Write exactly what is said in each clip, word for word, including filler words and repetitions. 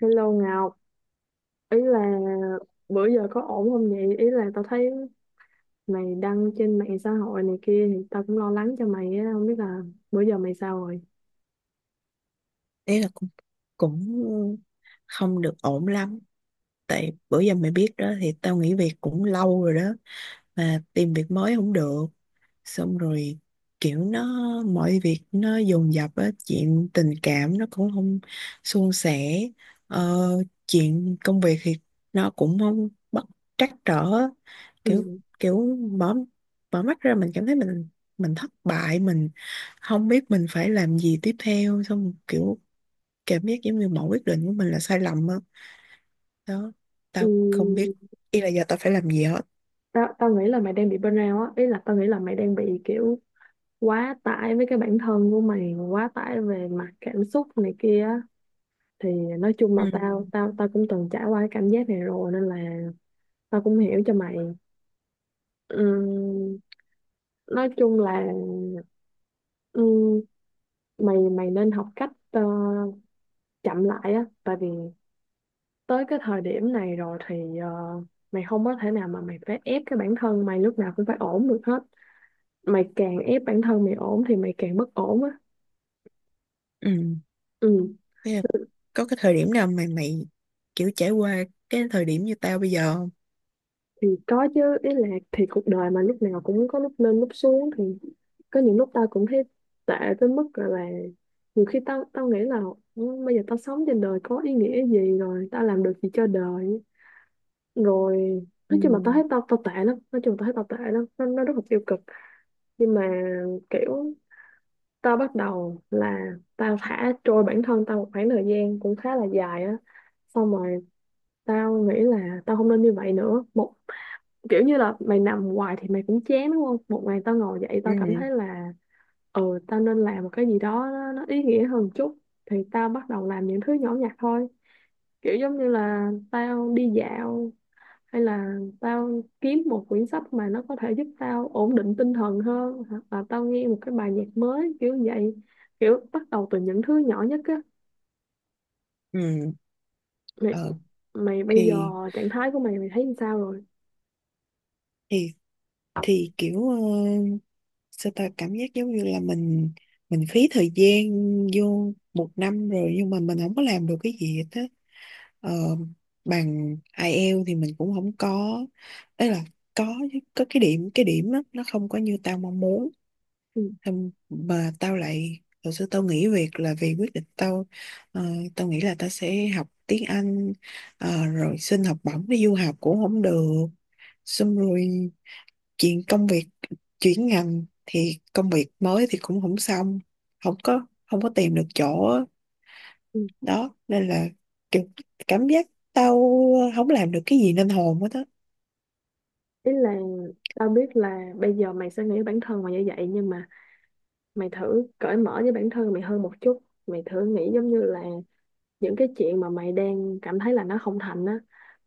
Hello Ngọc, ý là bữa giờ có ổn không vậy? Ý là tao thấy mày đăng trên mạng xã hội này kia thì tao cũng lo lắng cho mày á, không biết là bữa giờ mày sao rồi. Đấy là cũng cũng không được ổn lắm. Tại bữa giờ mày biết đó, thì tao nghỉ việc cũng lâu rồi đó, mà tìm việc mới không được. Xong rồi kiểu nó, mọi việc nó dồn dập á, chuyện tình cảm nó cũng không suôn sẻ, ờ, chuyện công việc thì nó cũng không bất trắc trở. kiểu Ừ. kiểu mở mở mắt ra mình cảm thấy mình mình thất bại, mình không biết mình phải làm gì tiếp theo, xong kiểu cảm giác giống như mọi quyết định của mình là sai lầm á. Đó, tao không biết Ừ. ý là giờ tao phải làm gì hết. Tao tao nghĩ là mày đang bị burnout á, ý là tao nghĩ là mày đang bị kiểu quá tải với cái bản thân của mày, quá tải về mặt cảm xúc này kia á. Thì nói chung là tao Ừ. tao tao cũng từng trải qua cái cảm giác này rồi nên là tao cũng hiểu cho mày. Ừ. Nói chung là ừ, mày mày nên học cách ờ, chậm lại á, tại vì tới cái thời điểm này rồi thì ờ, mày không có thể nào mà mày phải ép cái bản thân mày lúc nào cũng phải ổn được hết. Mày càng ép bản thân mày ổn thì mày càng bất ổn á. Ừ, Ừ thế là có cái thời điểm nào mà mày kiểu trải qua cái thời điểm như tao bây giờ không? thì có chứ, ý là thì cuộc đời mà lúc nào cũng có lúc lên lúc xuống thì có những lúc tao cũng thấy tệ tới mức gọi là nhiều khi tao tao nghĩ là: "Ừ, bây giờ tao sống trên đời có ý nghĩa gì, rồi tao làm được gì cho đời, rồi Ừ. nói chung là tao thấy tao tao tệ lắm, nói chung tao thấy tao tệ lắm. nó, nó rất là tiêu cực. Nhưng mà kiểu tao bắt đầu là tao thả trôi bản thân tao một khoảng thời gian cũng khá là dài á, xong rồi tao nghĩ là tao không nên như vậy nữa. Một kiểu như là mày nằm hoài thì mày cũng chán đúng không, một ngày tao ngồi dậy tao cảm Ừ. thấy là ừ, tao nên làm một cái gì đó nó, nó ý nghĩa hơn một chút. Thì tao bắt đầu làm những thứ nhỏ nhặt thôi, kiểu giống như là tao đi dạo, hay là tao kiếm một quyển sách mà nó có thể giúp tao ổn định tinh thần hơn, hoặc là tao nghe một cái bài nhạc mới kiểu vậy. Kiểu bắt đầu từ những thứ nhỏ nhất á. Ừ. Mày, ờ mày bây giờ thì trạng thái của mày mày thấy như sao rồi? thì thì kiểu ờ, sao ta cảm giác giống như là mình mình phí thời gian vô một năm rồi, nhưng mà mình không có làm được cái gì hết á. Ờ, Bằng I E L T S thì mình cũng không có, ấy là có chứ, có cái điểm, cái điểm đó nó không có như tao mong muốn. Ừ. Xong mà tao lại, hồi xưa tao nghỉ việc là vì quyết định tao, ờ, tao nghĩ là tao sẽ học tiếng Anh, ờ, rồi xin học bổng đi du học cũng không được. Xong rồi chuyện công việc, chuyển ngành thì công việc mới thì cũng không xong, không có không có tìm được chỗ á. Ừ. Đó nên là kiểu cảm giác tao không làm được cái gì nên hồn hết á. ý là tao biết là bây giờ mày sẽ nghĩ bản thân mày như vậy nhưng mà mày thử cởi mở với bản thân mày hơn một chút. Mày thử nghĩ giống như là những cái chuyện mà mày đang cảm thấy là nó không thành á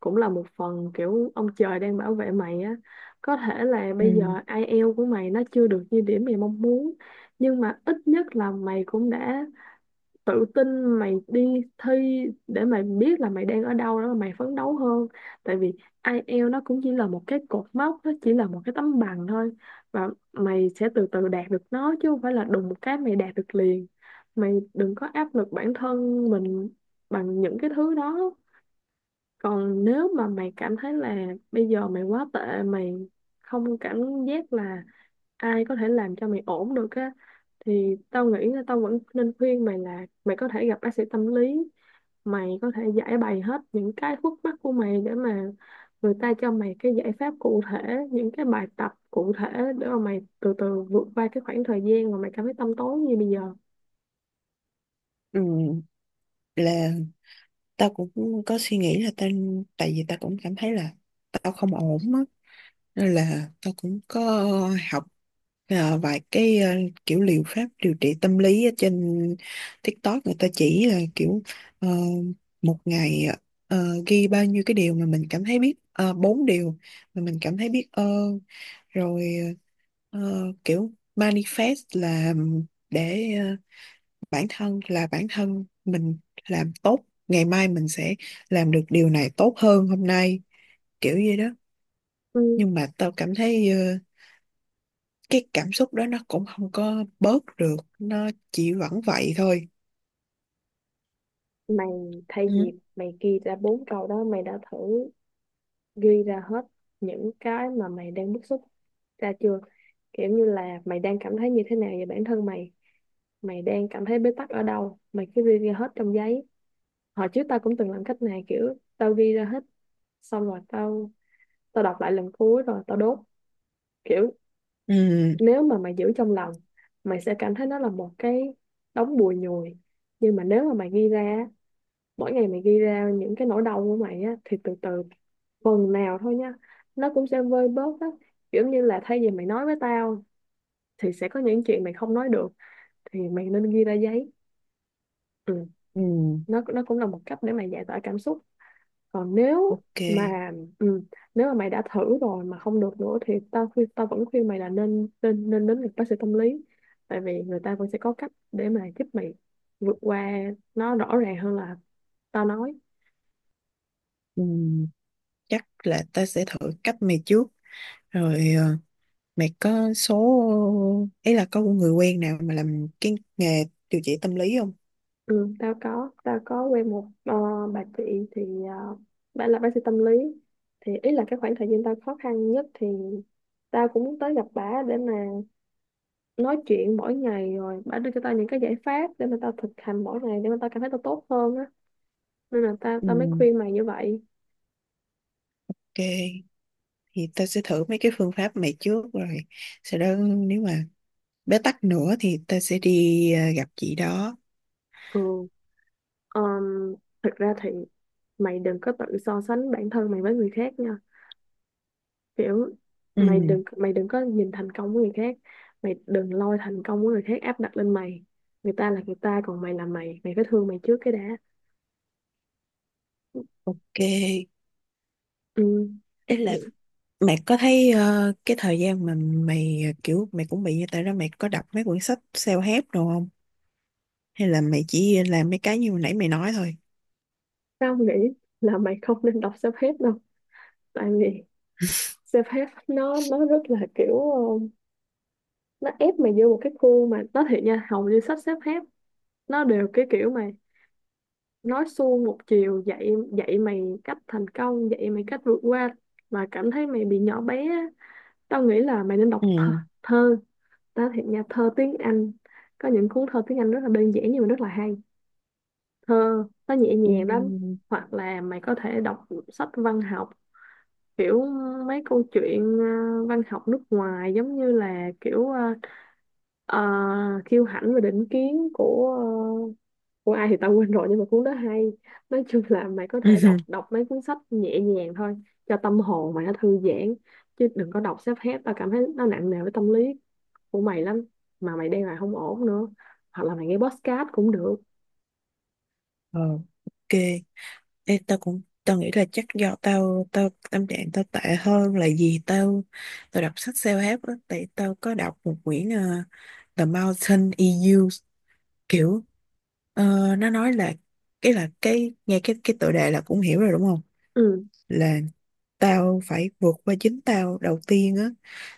cũng là một phần kiểu ông trời đang bảo vệ mày á. Có thể là bây Ừ. giờ ai eo của mày nó chưa được như điểm mày mong muốn, nhưng mà ít nhất là mày cũng đã tự tin mày đi thi để mày biết là mày đang ở đâu, đó mày phấn đấu hơn. Tại vì ai eo nó cũng chỉ là một cái cột mốc, nó chỉ là một cái tấm bằng thôi, và mày sẽ từ từ đạt được nó chứ không phải là đùng một cái mày đạt được liền. Mày đừng có áp lực bản thân mình bằng những cái thứ đó. Còn nếu mà mày cảm thấy là bây giờ mày quá tệ, mày không cảm giác là ai có thể làm cho mày ổn được á, thì tao nghĩ là tao vẫn nên khuyên mày là mày có thể gặp bác sĩ tâm lý. Mày có thể giải bày hết những cái khúc mắc của mày để mà người ta cho mày cái giải pháp cụ thể, những cái bài tập cụ thể, để mà mày từ từ vượt qua cái khoảng thời gian mà mày cảm thấy tăm tối như bây giờ. Ừ, là tao cũng có suy nghĩ là tao, tại vì tao cũng cảm thấy là tao không ổn á, nên là tao cũng có học à, vài cái à, kiểu liệu pháp điều trị tâm lý ở trên TikTok. Người ta chỉ là kiểu ờ, một ngày ờ, ghi bao nhiêu cái điều mà mình cảm thấy biết, uh, bốn điều mà mình cảm thấy biết ơn. Rồi ờ, kiểu manifest là, để ờ, bản thân là bản thân mình làm tốt, ngày mai mình sẽ làm được điều này tốt hơn hôm nay, kiểu gì đó. Ừ, Nhưng mà tao cảm thấy ờ, cái cảm xúc đó nó cũng không có bớt được, nó chỉ vẫn vậy thôi. mày thay Ừ. vì mày ghi ra bốn câu đó, mày đã thử ghi ra hết những cái mà mày đang bức xúc ra chưa? Kiểu như là mày đang cảm thấy như thế nào về bản thân mày, mày đang cảm thấy bế tắc ở đâu, mày cứ ghi ra hết trong giấy. Hồi trước tao cũng từng làm cách này, kiểu tao ghi ra hết xong rồi tao tao đọc lại lần cuối rồi tao đốt. Kiểu Ừ. nếu mà mày giữ trong lòng mày sẽ cảm thấy nó là một cái đống bùi nhùi, nhưng mà nếu mà mày ghi ra á, mỗi ngày mày ghi ra những cái nỗi đau của mày á thì từ từ, phần nào thôi nha, nó cũng sẽ vơi bớt á. Kiểu như là thay vì mày nói với tao thì sẽ có những chuyện mày không nói được, thì mày nên ghi ra giấy. Ừ, Ừ. nó nó cũng là một cách để mày giải tỏa cảm xúc. Còn nếu Ok. mà ừ, nếu mà mày đã thử rồi mà không được nữa thì tao khuyên, tao vẫn khuyên mày là nên nên nên đến gặp bác sĩ tâm lý. Tại vì người ta vẫn sẽ có cách để mà giúp mày vượt qua, nó rõ ràng hơn là tao nói. Ừ, chắc là ta sẽ thử cách mày trước rồi. ờ, Mày có số, ấy là có người quen nào mà làm cái nghề điều trị tâm lý không? Ừ, tao có tao có quen một ờ, bà chị, thì uh, bà là bác sĩ tâm lý. Thì ý là cái khoảng thời gian tao khó khăn nhất thì tao cũng muốn tới gặp bà để mà nói chuyện mỗi ngày, rồi bà đưa cho tao những cái giải pháp để mà tao thực hành mỗi ngày để mà tao cảm thấy tao tốt hơn á. Nên là tao tao mới Ừ, khuyên mày như vậy. ok, thì ta sẽ thử mấy cái phương pháp mày trước, rồi sau đó nếu mà bế tắc nữa thì ta sẽ đi ờ, gặp chị đó. Ừ. um, Thực ra thì mày đừng có tự so sánh bản thân mày với người khác nha. Kiểu mày Ừ, đừng mày đừng có nhìn thành công của người khác, mày đừng lôi thành công của người khác áp đặt lên mày. Người ta là người ta, còn mày là mày, mày phải thương mày trước cái đã. ok. Ừ. Đấy Thì là mày có thấy ờ, cái thời gian mà mày ờ, kiểu mày cũng bị như tao đó, mày có đọc mấy quyển sách self-help đồ không? Hay là mày chỉ làm mấy cái như hồi nãy mày nói thôi? tao nghĩ là mày không nên đọc self-help đâu. Tại vì self-help nó nó rất là kiểu nó ép mày vô một cái khuôn, mà nó thiệt nha, hầu như sách xếp hết nó đều cái kiểu mà nói suông một chiều, dạy dạy mày cách thành công, dạy mày cách vượt qua, mà cảm thấy mày bị nhỏ bé á. Tao nghĩ là mày nên đọc thơ, Ừ. thơ. Tao thiệt nha, thơ tiếng Anh, có những cuốn thơ tiếng Anh rất là đơn giản nhưng mà rất là hay. Thơ nó nhẹ Ừ. nhàng lắm. Hoặc là mày có thể đọc sách văn học, kiểu mấy câu chuyện ờ, văn học nước ngoài, giống như là kiểu ờ, Ờ, kiêu hãnh và định kiến của ờ, của ai thì tao quên rồi, nhưng mà cuốn đó hay. Nói chung là mày có thể đọc đọc mấy cuốn sách nhẹ nhàng thôi cho tâm hồn mày nó thư giãn, chứ đừng có đọc self help, tao cảm thấy nó nặng nề với tâm lý của mày lắm, mà mày đang là không ổn nữa. Hoặc là mày nghe podcast cũng được. Ừ. Ờ, ok. Ê, tao cũng, tao nghĩ là chắc do tao tao tâm trạng tao tệ hơn là gì, tao tao đọc sách self-help á, tại tao có đọc một quyển ờ, The Mountain e u, kiểu ờ, nó nói là, cái là cái nghe cái cái tựa đề là cũng hiểu rồi đúng không? Ừ. Là tao phải vượt qua chính tao đầu tiên á,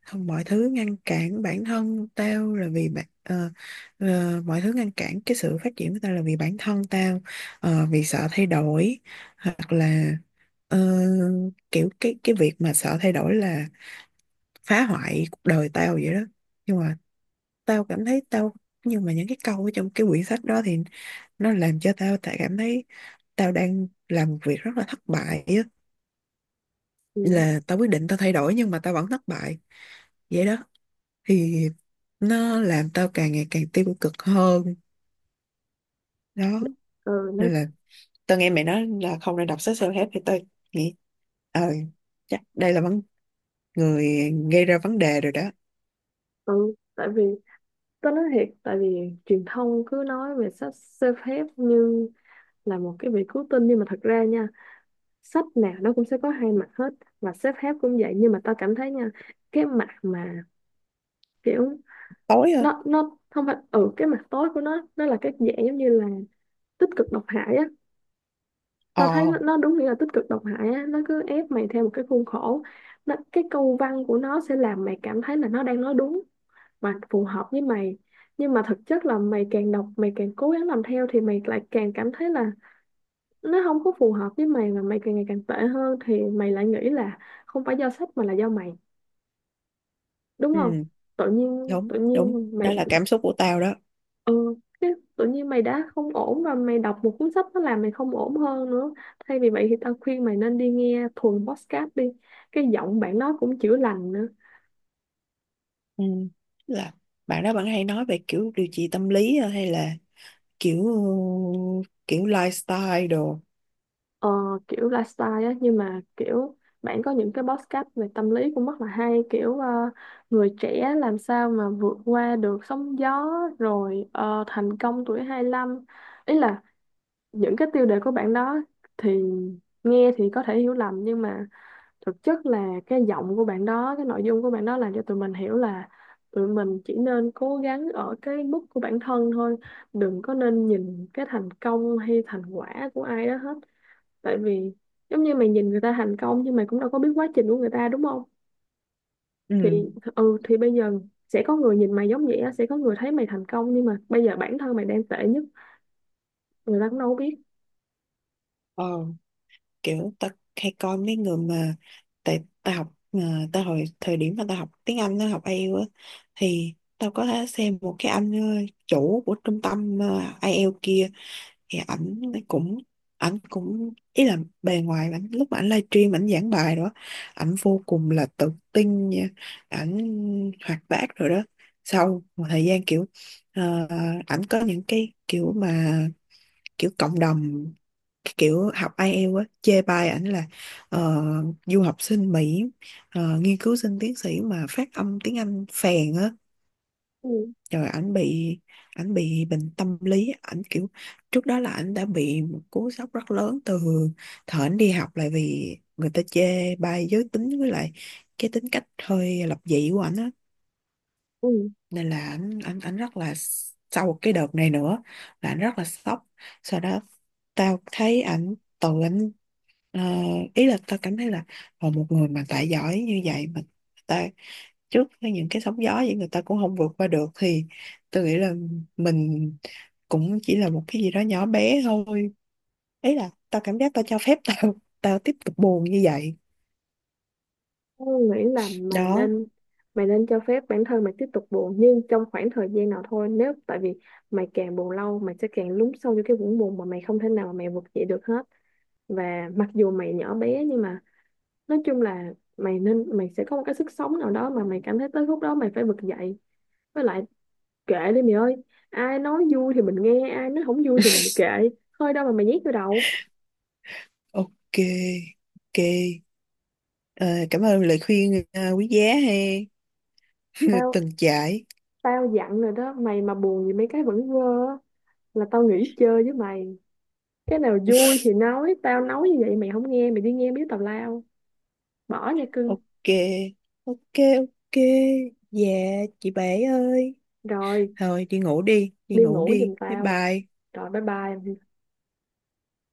không, mọi thứ ngăn cản bản thân tao là vì bạn, ờ, ờ, mọi thứ ngăn cản cái sự phát triển của tao là vì bản thân tao, ờ, vì sợ thay đổi, hoặc là ờ, kiểu cái cái việc mà sợ thay đổi là phá hoại cuộc đời tao vậy đó. Nhưng mà tao cảm thấy tao, nhưng mà những cái câu ở trong cái quyển sách đó thì nó làm cho tao tại cảm thấy tao đang làm một việc rất là thất bại á, Ừ. là tao quyết định tao thay đổi nhưng mà tao vẫn thất bại vậy đó, thì nó làm tao càng ngày càng tiêu cực hơn đó. Ừ, nó, Nên là tao nghe mẹ nói là không nên đọc sách self-help, thì tao nghĩ ờ chắc đây là vấn, người gây ra vấn đề rồi đó. ừ, tại vì tao nói thiệt, tại vì truyền thông cứ nói về sách self help như là một cái việc cứu tinh, nhưng mà thật ra nha, sách nào nó cũng sẽ có hai mặt hết, và sếp phép cũng vậy. Nhưng mà tao cảm thấy nha, cái mặt mà kiểu Tối ơi. nó nó không phải ừ, cái mặt tối của nó nó là cái dạng giống như là tích cực độc hại á. Tao thấy ờ nó, nó đúng nghĩa là tích cực độc hại á, nó cứ ép mày theo một cái khuôn khổ. Nó, cái câu văn của nó sẽ làm mày cảm thấy là nó đang nói đúng và phù hợp với mày, nhưng mà thực chất là mày càng đọc mày càng cố gắng làm theo thì mày lại càng cảm thấy là nó không có phù hợp với mày, mà mày càng ngày càng tệ hơn thì mày lại nghĩ là không phải do sách mà là do mày, đúng ừ, không? Tự nhiên đúng tự đúng, nhiên đó mày là cảm xúc của tao đó. ừ cái tự nhiên mày đã không ổn rồi, mày đọc một cuốn sách nó làm mày không ổn hơn nữa. Thay vì vậy thì tao khuyên mày nên đi nghe thuần podcast đi, cái giọng bạn đó cũng chữa lành nữa. Ừ, là bạn đó bạn hay nói về kiểu điều trị tâm lý, hay là kiểu kiểu lifestyle đồ? Ờ, kiểu lifestyle á, nhưng mà kiểu bạn có những cái podcast về tâm lý cũng rất là hay, kiểu ờ, người trẻ làm sao mà vượt qua được sóng gió, rồi ờ, thành công tuổi hai lăm. Ý là những cái tiêu đề của bạn đó thì nghe thì có thể hiểu lầm, nhưng mà thực chất là cái giọng của bạn đó, cái nội dung của bạn đó làm cho tụi mình hiểu là tụi mình chỉ nên cố gắng ở cái mức của bản thân thôi, đừng có nên nhìn cái thành công hay thành quả của ai đó hết. Tại vì giống như mày nhìn người ta thành công nhưng mày cũng đâu có biết quá trình của người ta, đúng không? Thì Ừ. ừ, thì bây giờ sẽ có người nhìn mày giống vậy á, sẽ có người thấy mày thành công nhưng mà bây giờ bản thân mày đang tệ nhất, người ta cũng đâu có biết. ờ Kiểu tao hay coi mấy người mà, tại tao học à, ta hồi thời điểm mà tao học tiếng Anh tao học ai eo á, thì tao có thể xem một cái anh ờ, chủ của trung tâm ờ, I E L T S kia, thì ảnh cũng, ảnh cũng ý là bề ngoài ảnh lúc mà ảnh livestream ảnh giảng bài đó, ảnh vô cùng là tự tin nha, ảnh hoạt bát rồi đó. Sau một thời gian kiểu ờ, ảnh có những cái kiểu mà, kiểu cộng đồng cái kiểu học ai eo á chê bai ảnh là ờ, du học sinh Mỹ, ờ, nghiên cứu sinh tiến sĩ mà phát âm tiếng Anh phèn á. Ừ. Rồi ảnh bị, ảnh bị bệnh tâm lý, ảnh kiểu, trước đó là ảnh đã bị một cú sốc rất lớn từ thời ảnh đi học, lại vì người ta chê bai giới tính với lại cái tính cách hơi lập dị của ảnh á. Ừ. Nên là ảnh ảnh ảnh rất là, sau cái đợt này nữa là ảnh rất là sốc. Sau đó tao thấy ảnh tự ảnh. Ờ, Ý là tao cảm thấy là ờ, một người mà tài giỏi như vậy mà ta, trước với những cái sóng gió vậy người ta cũng không vượt qua được, thì tôi nghĩ là mình cũng chỉ là một cái gì đó nhỏ bé thôi. Ý là tao cảm giác tao cho phép tao tao tiếp tục buồn như vậy Tôi nghĩ là mày đó. nên mày nên cho phép bản thân mày tiếp tục buồn, nhưng trong khoảng thời gian nào thôi, nếu tại vì mày càng buồn lâu mày sẽ càng lún sâu vô cái vũng buồn mà mày không thể nào mà mày vực dậy được hết. Và mặc dù mày nhỏ bé nhưng mà nói chung là mày nên, mày sẽ có một cái sức sống nào đó mà mày cảm thấy tới lúc đó mày phải vực dậy. Với lại kệ đi mày ơi, ai nói vui thì mình nghe, ai nói không vui thì mình kệ thôi, đâu mà mày nhét vô đầu. Ok. Ok. Ờ, cảm ơn lời khuyên ờ, quý giá hay người tao từng trải. tao dặn rồi đó, mày mà buồn vì mấy cái vẫn vơ á, là tao nghỉ chơi với mày. Cái nào vui thì nói, tao nói như vậy mày không nghe mày đi nghe biết tào lao, bỏ nha cưng. Ok. Ok. Ok. Dạ, chị bé ơi. Rồi Thôi đi ngủ đi, đi đi ngủ ngủ đi. giùm Bye tao, bye. rồi bye bye.